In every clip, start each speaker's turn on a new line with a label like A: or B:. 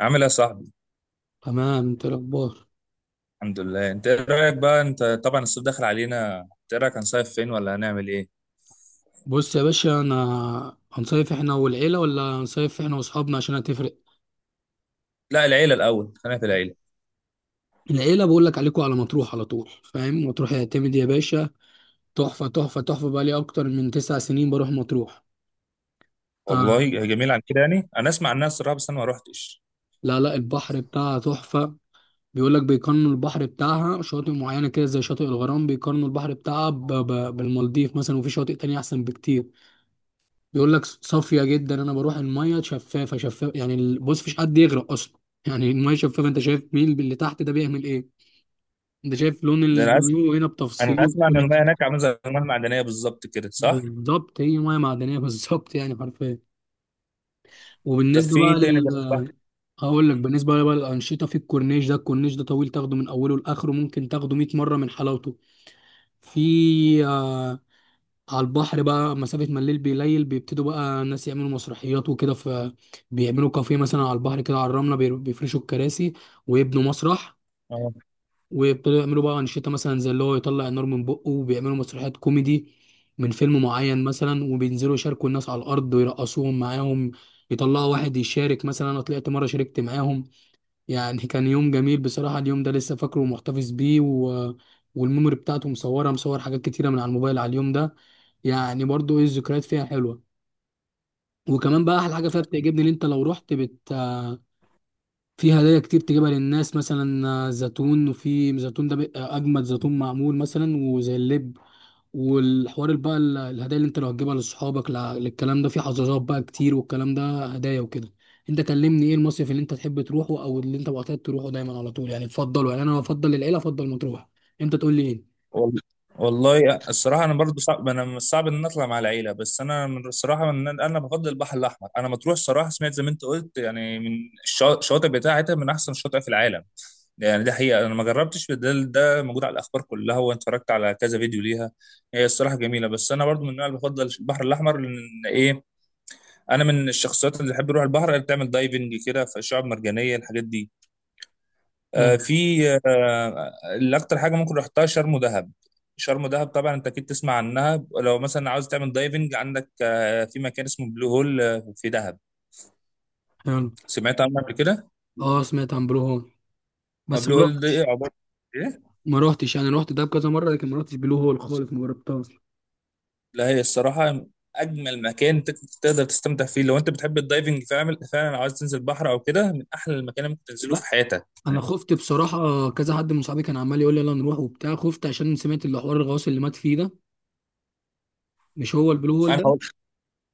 A: عامل ايه يا صاحبي؟
B: تمام، انت إيه الاخبار؟
A: الحمد لله. انت ايه رايك بقى، انت طبعا الصيف داخل علينا، انت ايه رايك هنصيف فين ولا هنعمل ايه؟
B: بص يا باشا، انا هنصيف احنا والعيله ولا هنصيف احنا واصحابنا؟ عشان هتفرق.
A: لا، العيله الاول، خلينا في العيله.
B: العيله، بقول لك عليكم على مطروح على طول، فاهم؟ مطروح يعتمد يا باشا. تحفه تحفه تحفه، بقى لي اكتر من تسع سنين بروح مطروح. آه.
A: والله جميل. عن كده يعني انا اسمع عنها الصراحه، بس انا ما روحتش.
B: لا لا، البحر بتاعها تحفه. بيقول لك بيقارنوا البحر بتاعها شواطئ معينه كده زي شاطئ الغرام، بيقارنوا البحر بتاعها بالمالديف مثلا، وفي شواطئ تانية احسن بكتير. بيقول لك صافيه جدا، انا بروح الميه شفافه شفافه، يعني بص مفيش حد يغرق اصلا. يعني الميه شفافه، انت شايف مين اللي تحت ده بيعمل ايه. انت شايف لون
A: ده انا اسمع
B: المايو هنا
A: انا
B: بتفصيله
A: اسمع ان
B: كل
A: المياه هناك
B: حاجة.
A: عامله زي المياه المعدنيه بالظبط كده، صح؟
B: بالظبط، هي ميه معدنيه بالظبط، يعني حرفيا.
A: طب
B: وبالنسبه
A: في ايه
B: بقى
A: تاني غير
B: لل
A: البحر؟
B: هقول لك.
A: مم.
B: بالنسبه بقى للانشطه، في الكورنيش ده، الكورنيش ده طويل، تاخده من اوله لاخره ممكن تاخده 100 مره من حلاوته. في على البحر بقى مسافة، ما الليل بيليل بيبتدوا بقى الناس يعملوا مسرحيات وكده، ف بيعملوا كافيه مثلا على البحر كده، على الرملة بيفرشوا الكراسي، ويبنوا مسرح،
A: اه
B: ويبتدوا يعملوا بقى أنشطة مثلا زي اللي هو يطلع النار من بقه، وبيعملوا مسرحيات كوميدي من فيلم معين مثلا، وبينزلوا يشاركوا الناس على الأرض ويرقصوهم معاهم. يطلعوا واحد يشارك، مثلا أنا طلعت مرة شاركت معاهم. يعني كان يوم جميل بصراحة، اليوم ده لسه فاكره ومحتفظ بيه والميموري بتاعته مصورة، مصور حاجات كتيرة من على الموبايل على اليوم ده. يعني برضو ايه، الذكريات فيها حلوة. وكمان بقى أحلى حاجة فيها بتعجبني، إن أنت لو رحت بت في هدايا كتير تجيبها للناس، مثلا زيتون، وفي زيتون ده بيبقى أجمد زيتون معمول، مثلا وزي اللب. والحوار بقى الهدايا اللي انت لو هتجيبها لاصحابك، للكلام ده في حظاظات بقى كتير، والكلام ده هدايا وكده. انت كلمني ايه المصيف اللي انت تحب تروحه، او اللي انت معتاد تروحه دايما على طول، يعني تفضله؟ يعني انا بفضل العيله، افضل مطروح. انت تقول لي ايه؟
A: وال- والله الصراحه، انا برضو صعب، انا من الصعب ان أنا اطلع مع العيله، بس انا من الصراحه ان انا بفضل البحر الاحمر. انا مطروح صراحه، سمعت زي ما انت قلت، يعني من الشواطئ بتاعتها من احسن الشواطئ في العالم. يعني ده حقيقة، أنا ما جربتش، ده ده موجود على الأخبار كلها، وأنا اتفرجت على كذا فيديو ليها. هي الصراحة جميلة، بس أنا برضو من النوع اللي بفضل البحر الأحمر. لأن إيه، أنا من الشخصيات اللي بحب أروح البحر، اللي بتعمل دايفنج كده في الشعاب المرجانية، الحاجات دي.
B: نعم.
A: آه في آه اللي أكتر حاجة ممكن رحتها شرم ودهب. شرم ودهب طبعا أنت أكيد تسمع عنها، لو مثلا عاوز تعمل دايفنج عندك في مكان اسمه بلو هول، في دهب.
B: حلو.
A: سمعت عنه قبل كده؟
B: اه، سمعت عن بلو هول. بس
A: بلو
B: ما
A: هول ده
B: رحتش.
A: إيه عبارة؟ إيه؟
B: ما رحتش، يعني رحت دهب كذا مره لكن ما رحتش بلو هول خالص، ما جربتهاش.
A: لا هي الصراحة أجمل مكان تقدر تستمتع فيه لو أنت بتحب الدايفنج فعلا، فعلا عايز تنزل بحر أو كده، من أحلى المكان اللي ممكن تنزله
B: لا،
A: في حياتك
B: انا
A: يعني.
B: خفت بصراحه، كذا حد من صحابي كان عمال يقول لي يلا نروح وبتاع، خفت عشان سمعت اللي حوار الغواص اللي مات فيه ده، مش هو البلو هول
A: أنا هقول،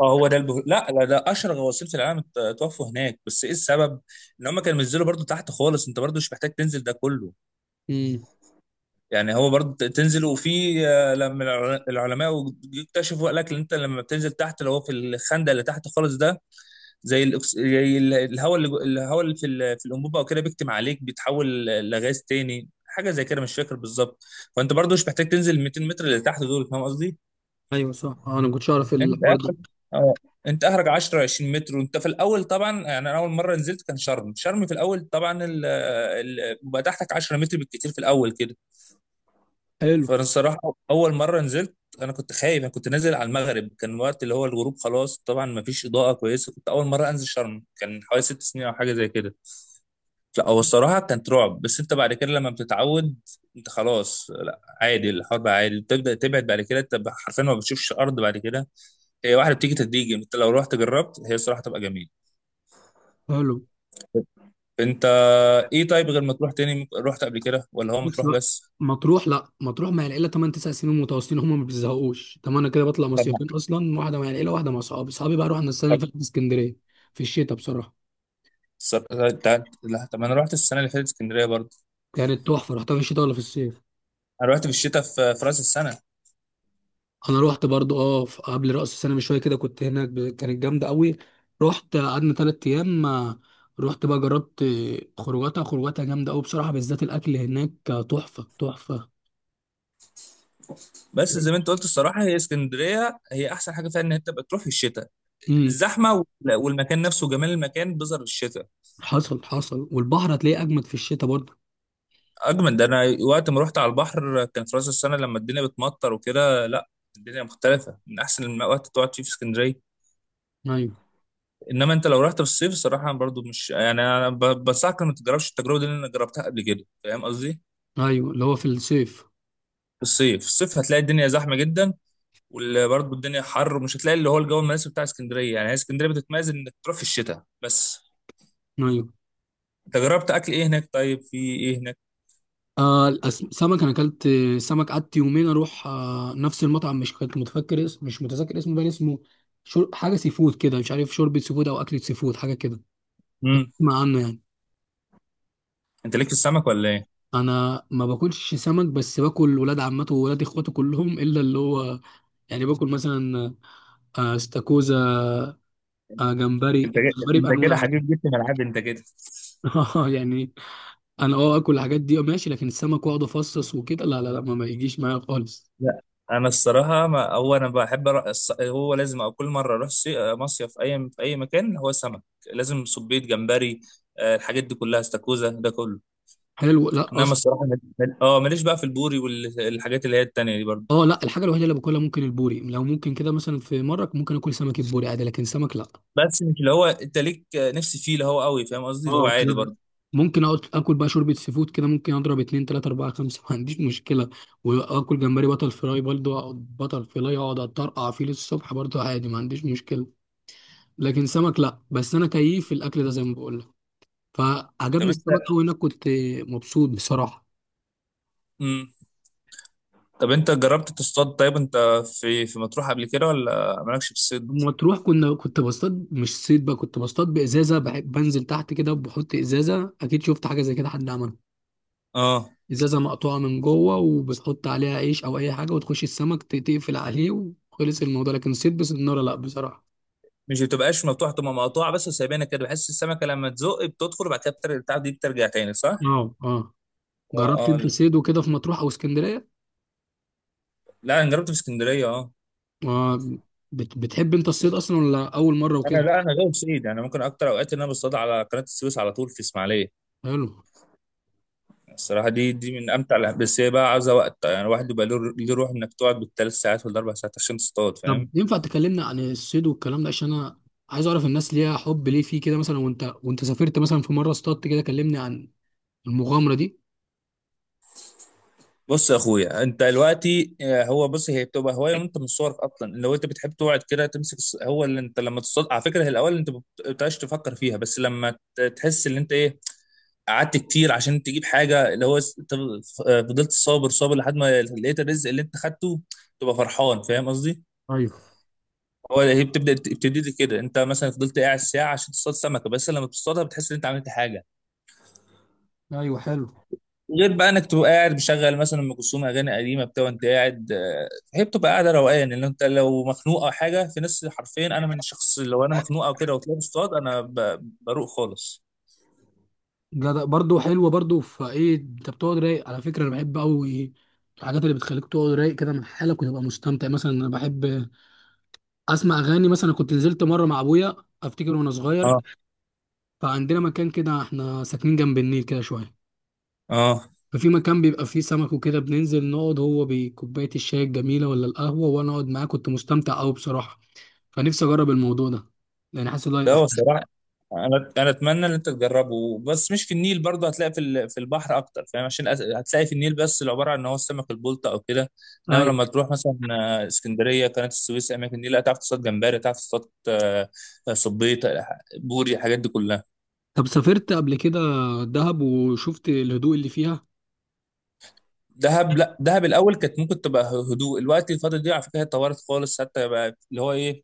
A: أه هو ده لا لا لا، أشهر غواصين في العالم اتوفوا هناك، بس إيه السبب؟ إن هم كانوا بينزلوا برضو تحت خالص، أنت برضو مش محتاج تنزل ده كله.
B: ده؟
A: يعني هو برضو تنزل، وفي، لما العلماء اكتشفوا، قال لك إن أنت لما بتنزل تحت، اللي هو في الخندق اللي تحت خالص ده، زي الهواء اللي في الانبوبه او كده، بيكتم عليك، بيتحول لغاز تاني، حاجه زي كده، مش فاكر بالظبط. فانت برضو مش محتاج تنزل ال 200 متر اللي تحت دول، فاهم قصدي.
B: ايوه صح، انا ما كنتش اعرف
A: انت
B: الحوار ده.
A: اخرك، اه، انت اخرك 10 20 متر، وانت في الاول طبعا يعني، انا اول مره نزلت كان شرم شرم في الاول طبعا، بيبقى تحتك 10 متر بالكتير في الاول كده.
B: حلو
A: فانا الصراحه اول مره نزلت انا كنت خايف، انا كنت نازل على المغرب، كان وقت اللي هو الغروب خلاص، طبعا ما فيش اضاءه كويسه، كنت اول مره انزل شرم، كان حوالي 6 سنين او حاجه زي كده. لا هو الصراحة كانت رعب، بس انت بعد كده لما بتتعود، انت خلاص لا، عادي، الحوار بقى عادي، بتبدأ تبعد، بعد كده انت حرفيا ما بتشوفش الارض بعد كده. هي واحدة بتيجي تدريجي، انت لو رحت جربت هي الصراحة تبقى جميلة.
B: حلو.
A: انت ايه طيب، غير ما تروح تاني، رحت قبل كده ولا هو
B: بس
A: مطروح
B: بقى
A: بس؟
B: مطروح، لا مطروح مع العيله 8 9 سنين متواصلين، هم ما بيزهقوش. طب انا كده بطلع
A: طب ما-
B: مصيفين اصلا، واحده مع العيله واحده مع اصحابي. اصحابي بقى رحنا السنه اللي
A: طب
B: فاتت اسكندريه، في الشتاء بصراحه.
A: صر- ده- لا طب انا رحت السنة اللي فاتت اسكندرية برضه.
B: كانت تحفه، رحتها في الشتاء ولا في الصيف؟
A: انا رحت في الشتاء، في راس السنة.
B: انا رحت برضو، قبل راس السنه بشويه كده كنت هناك، كانت جامده قوي. رحت قعدنا ثلاث ايام، رحت بقى جربت، خروجاتها خروجاتها جامده قوي بصراحه، بالذات الاكل هناك، تحفه تحفه.
A: بس زي ما انت قلت الصراحة، هي اسكندرية هي احسن حاجة فيها ان انت بتروح في الشتاء،
B: امم.
A: الزحمة والمكان نفسه، جمال المكان بيظهر في الشتاء.
B: حصل حصل، والبحر هتلاقيه اجمد في الشتاء برضه.
A: اجمل، ده انا وقت ما رحت على البحر كان في راس السنه لما الدنيا بتمطر وكده. لا الدنيا مختلفه، من احسن الوقت تقعد فيه في اسكندريه.
B: ايوه.
A: انما انت لو رحت في الصيف الصراحه، أنا برضو مش يعني انا بنصحك إنك ما تجربش التجربه دي اللي انا جربتها قبل كده، فاهم قصدي.
B: ايوه اللي هو في الصيف.
A: في الصيف هتلاقي الدنيا زحمه جدا، وبرضه الدنيا حر، ومش هتلاقي اللي هو الجو المناسب بتاع اسكندريه. يعني هي اسكندريه بتتميز انك تروح في الشتاء بس.
B: ايوه،
A: انت جربت اكل ايه هناك؟ طيب في ايه هناك؟
B: سمك انا اكلت. سمك، قعدت يومين اروح نفس المطعم، مش كنت متفكر اسم، مش متذكر اسمه، بقى اسمه حاجه سي فود كده، مش عارف، شوربه سي فود او اكله سي فود حاجه كده.
A: امم.
B: اسمع عنه يعني.
A: انت ليك في السمك ولا ايه؟
B: انا ما باكلش سمك، بس باكل ولاد عمته وولاد اخواته كلهم الا اللي هو، يعني باكل مثلا استاكوزا، جمبري، الجمبري
A: انت كده
B: بانواعه.
A: حبيب، جيت في ملعبي انت كده.
B: يعني انا اكل الحاجات دي ماشي، لكن السمك، واقعد افصص وكده لا لا لا، ما يجيش معايا خالص.
A: لا انا الصراحه، ما هو انا بحب هو لازم أو كل مره اروح مصيف اي في اي مكان، هو سمك، لازم صبيط جمبري، الحاجات دي كلها، استاكوزا ده كله.
B: حلو، لا
A: انما
B: اصلا.
A: الصراحه ماليش بقى في البوري والحاجات اللي هي التانية دي برضه.
B: اه لا، الحاجه الوحيده اللي باكلها ممكن البوري، لو ممكن كده مثلا، في مره ممكن اكل سمك البوري عادي، لكن سمك لا.
A: بس مش اللي هو انت ليك نفسي فيه اللي هو قوي، فاهم قصدي، اللي هو
B: اه لا
A: عادي
B: لا.
A: برضه.
B: ممكن اقعد اكل بقى شوربه سي فود كده، ممكن اضرب اتنين تلاته اربعه خمسه، ما عنديش مشكله. واكل جمبري بطل فراي برضه، اقعد بطل فراي اقعد اترقع فيه للصبح برضه عادي، ما عنديش مشكله. لكن سمك لا، بس انا كيف في الاكل ده زي ما بقول لك،
A: طب
B: فعجبني
A: انت،
B: السمك قوي هناك، كنت مبسوط بصراحه.
A: مم. طب انت جربت تصطاد؟ طيب انت في مطروح قبل كده ولا مالكش في الصيد؟
B: لما تروح كنت بصطاد، مش صيد بقى، كنت بصطاد بازازه، بحب بنزل تحت كده وبحط ازازه، اكيد شفت حاجه زي كده حد عملها.
A: اه.
B: ازازه مقطوعه من جوه، وبتحط عليها عيش او اي حاجه، وتخش السمك تقفل عليه، وخلص الموضوع. لكن صيد بسناره لا بصراحه.
A: مش بتبقاش مفتوحه، تبقى مقطوعه بس وسايبينها كده، بحس السمكه لما تزق بتدخل، وبعد كده بتاع دي بترجع تاني، صح؟
B: اه اه،
A: اه
B: جربت انت
A: اه.
B: صيد وكده في مطروح او اسكندريه؟
A: لا انا جربت في اسكندريه، اه.
B: آه. بتحب انت الصيد اصلا، ولا اول مره
A: انا
B: وكده؟
A: لا، انا غير سعيد، انا ممكن اكتر اوقات ان انا بصطاد على قناه السويس على طول، في اسماعيليه.
B: حلو.
A: الصراحه دي دي من امتع بس هي بقى عايزه وقت يعني، الواحد بيبقى له له روح انك تقعد بالثلاث ساعات ولا 4 ساعات عشان تصطاد،
B: طب
A: فاهم.
B: ينفع تكلمنا عن الصيد والكلام ده، عشان انا عايز اعرف الناس ليها حب ليه فيه كده مثلا، وانت سافرت مثلا في مره اصطادت كده، كلمني عن المغامرة دي.
A: بص يا اخويا، انت دلوقتي، هو بص هي بتبقى هوايه، وانت من صغرك اصلا لو انت بتحب تقعد كده تمسك هو اللي انت لما تصطاد على فكره، هي الاول انت ما بتبقاش تفكر فيها، بس لما تحس ان انت ايه قعدت كتير عشان تجيب حاجه، اللي هو فضلت صابر صابر لحد ما لقيت الرزق اللي انت خدته، تبقى فرحان، فاهم قصدي؟
B: ايوه
A: هو هي بتبدا بتبتدي لي كده، انت مثلا فضلت قاعد ساعه عشان تصطاد سمكه، بس لما بتصطادها بتحس ان انت عملت حاجه.
B: ايوه حلو.
A: غير بقى انك تبقى قاعد مشغل مثلا ام كلثوم اغاني قديمه بتاع، وانت قاعد، هي بتبقى قاعده روقان، لان انت لو مخنوق او حاجه، في ناس حرفيا، انا من شخص لو انا مخنوق او كده وطلعت اصطاد انا بروق خالص.
B: جدع برضه، حلوه برضه، فايه انت بتقعد رايق على فكره، انا بحب قوي الحاجات اللي بتخليك تقعد رايق كده من حالك، وتبقى مستمتع. مثلا انا بحب اسمع اغاني، مثلا كنت نزلت مره مع ابويا افتكر وانا صغير،
A: اه
B: فعندنا مكان كده احنا ساكنين جنب النيل كده شويه،
A: اه.
B: ففي مكان بيبقى فيه سمك وكده، بننزل نقعد، هو بكوبايه الشاي الجميله ولا القهوه، وانا اقعد معاه، كنت مستمتع قوي بصراحه. فنفسي اجرب الموضوع ده، لان حاسس ان هو
A: لا
B: هيبقى
A: هو
B: حلو.
A: الصراحه انا اتمنى ان انت تجربه، بس مش في النيل برضه، هتلاقي في في البحر اكتر، فاهم، عشان هتلاقي في النيل بس اللي عباره عن ان هو السمك البلطي او كده. انما
B: أيوه.
A: لما تروح مثلا، اسكندريه، قناه السويس، اماكن النيل، هتعرف تصطاد جمبري، هتعرف تصطاد، صبيط، بوري، الحاجات دي كلها.
B: طب سافرت قبل كده دهب وشفت الهدوء اللي فيها؟
A: دهب، لا دهب الاول كانت ممكن تبقى هدوء، الوقت الفتره دي، على فكره هي اتطورت خالص، حتى بقى اللي هو ايه،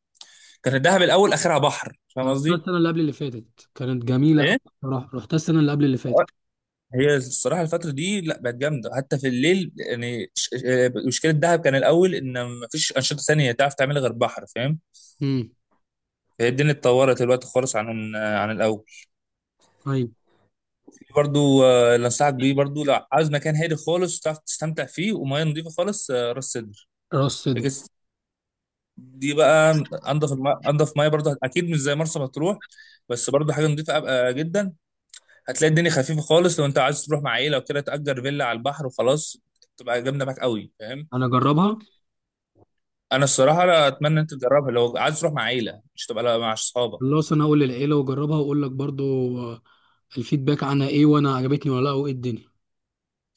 A: كان دهب الاول اخرها بحر، فاهم
B: أنا رحتها
A: قصدي؟
B: السنة اللي قبل اللي فاتت كانت جميلة أوي.
A: ايه؟
B: بصراحة رحتها السنة اللي قبل اللي فاتت.
A: هي الصراحه الفتره دي لا بقت جامده حتى في الليل. يعني مشكله دهب كان الاول ان مفيش انشطه ثانيه تعرف تعملها غير بحر، فاهم.
B: امم.
A: فهي الدنيا اتطورت دلوقتي خالص عن، عن الاول.
B: أيوة.
A: برضو، اللي انصحك بيه برضو لو عاوز مكان هادي خالص تعرف تستمتع فيه وميه نظيفه خالص، راس سدر.
B: راس صدر.
A: لكن دي بقى، انضف ميه برضو، اكيد مش زي مرسى مطروح، بس برضو حاجه نظيفه جدا. هتلاقي الدنيا خفيفه خالص، لو انت عايز تروح مع عيله وكده تأجر فيلا على البحر وخلاص، تبقى جامده معاك قوي، فاهم.
B: أنا أجربها.
A: انا الصراحه لا اتمنى انت تجربها لو عايز تروح مع عيله، مش تبقى لا مع اصحابك.
B: خلاص أنا هقول للعيلة وأجربها وأقول لك برضو، آه، الفيدباك عنها إيه وأنا عجبتني ولا لأ وإيه الدنيا.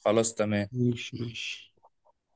A: خلاص تمام.
B: ماشي ماشي.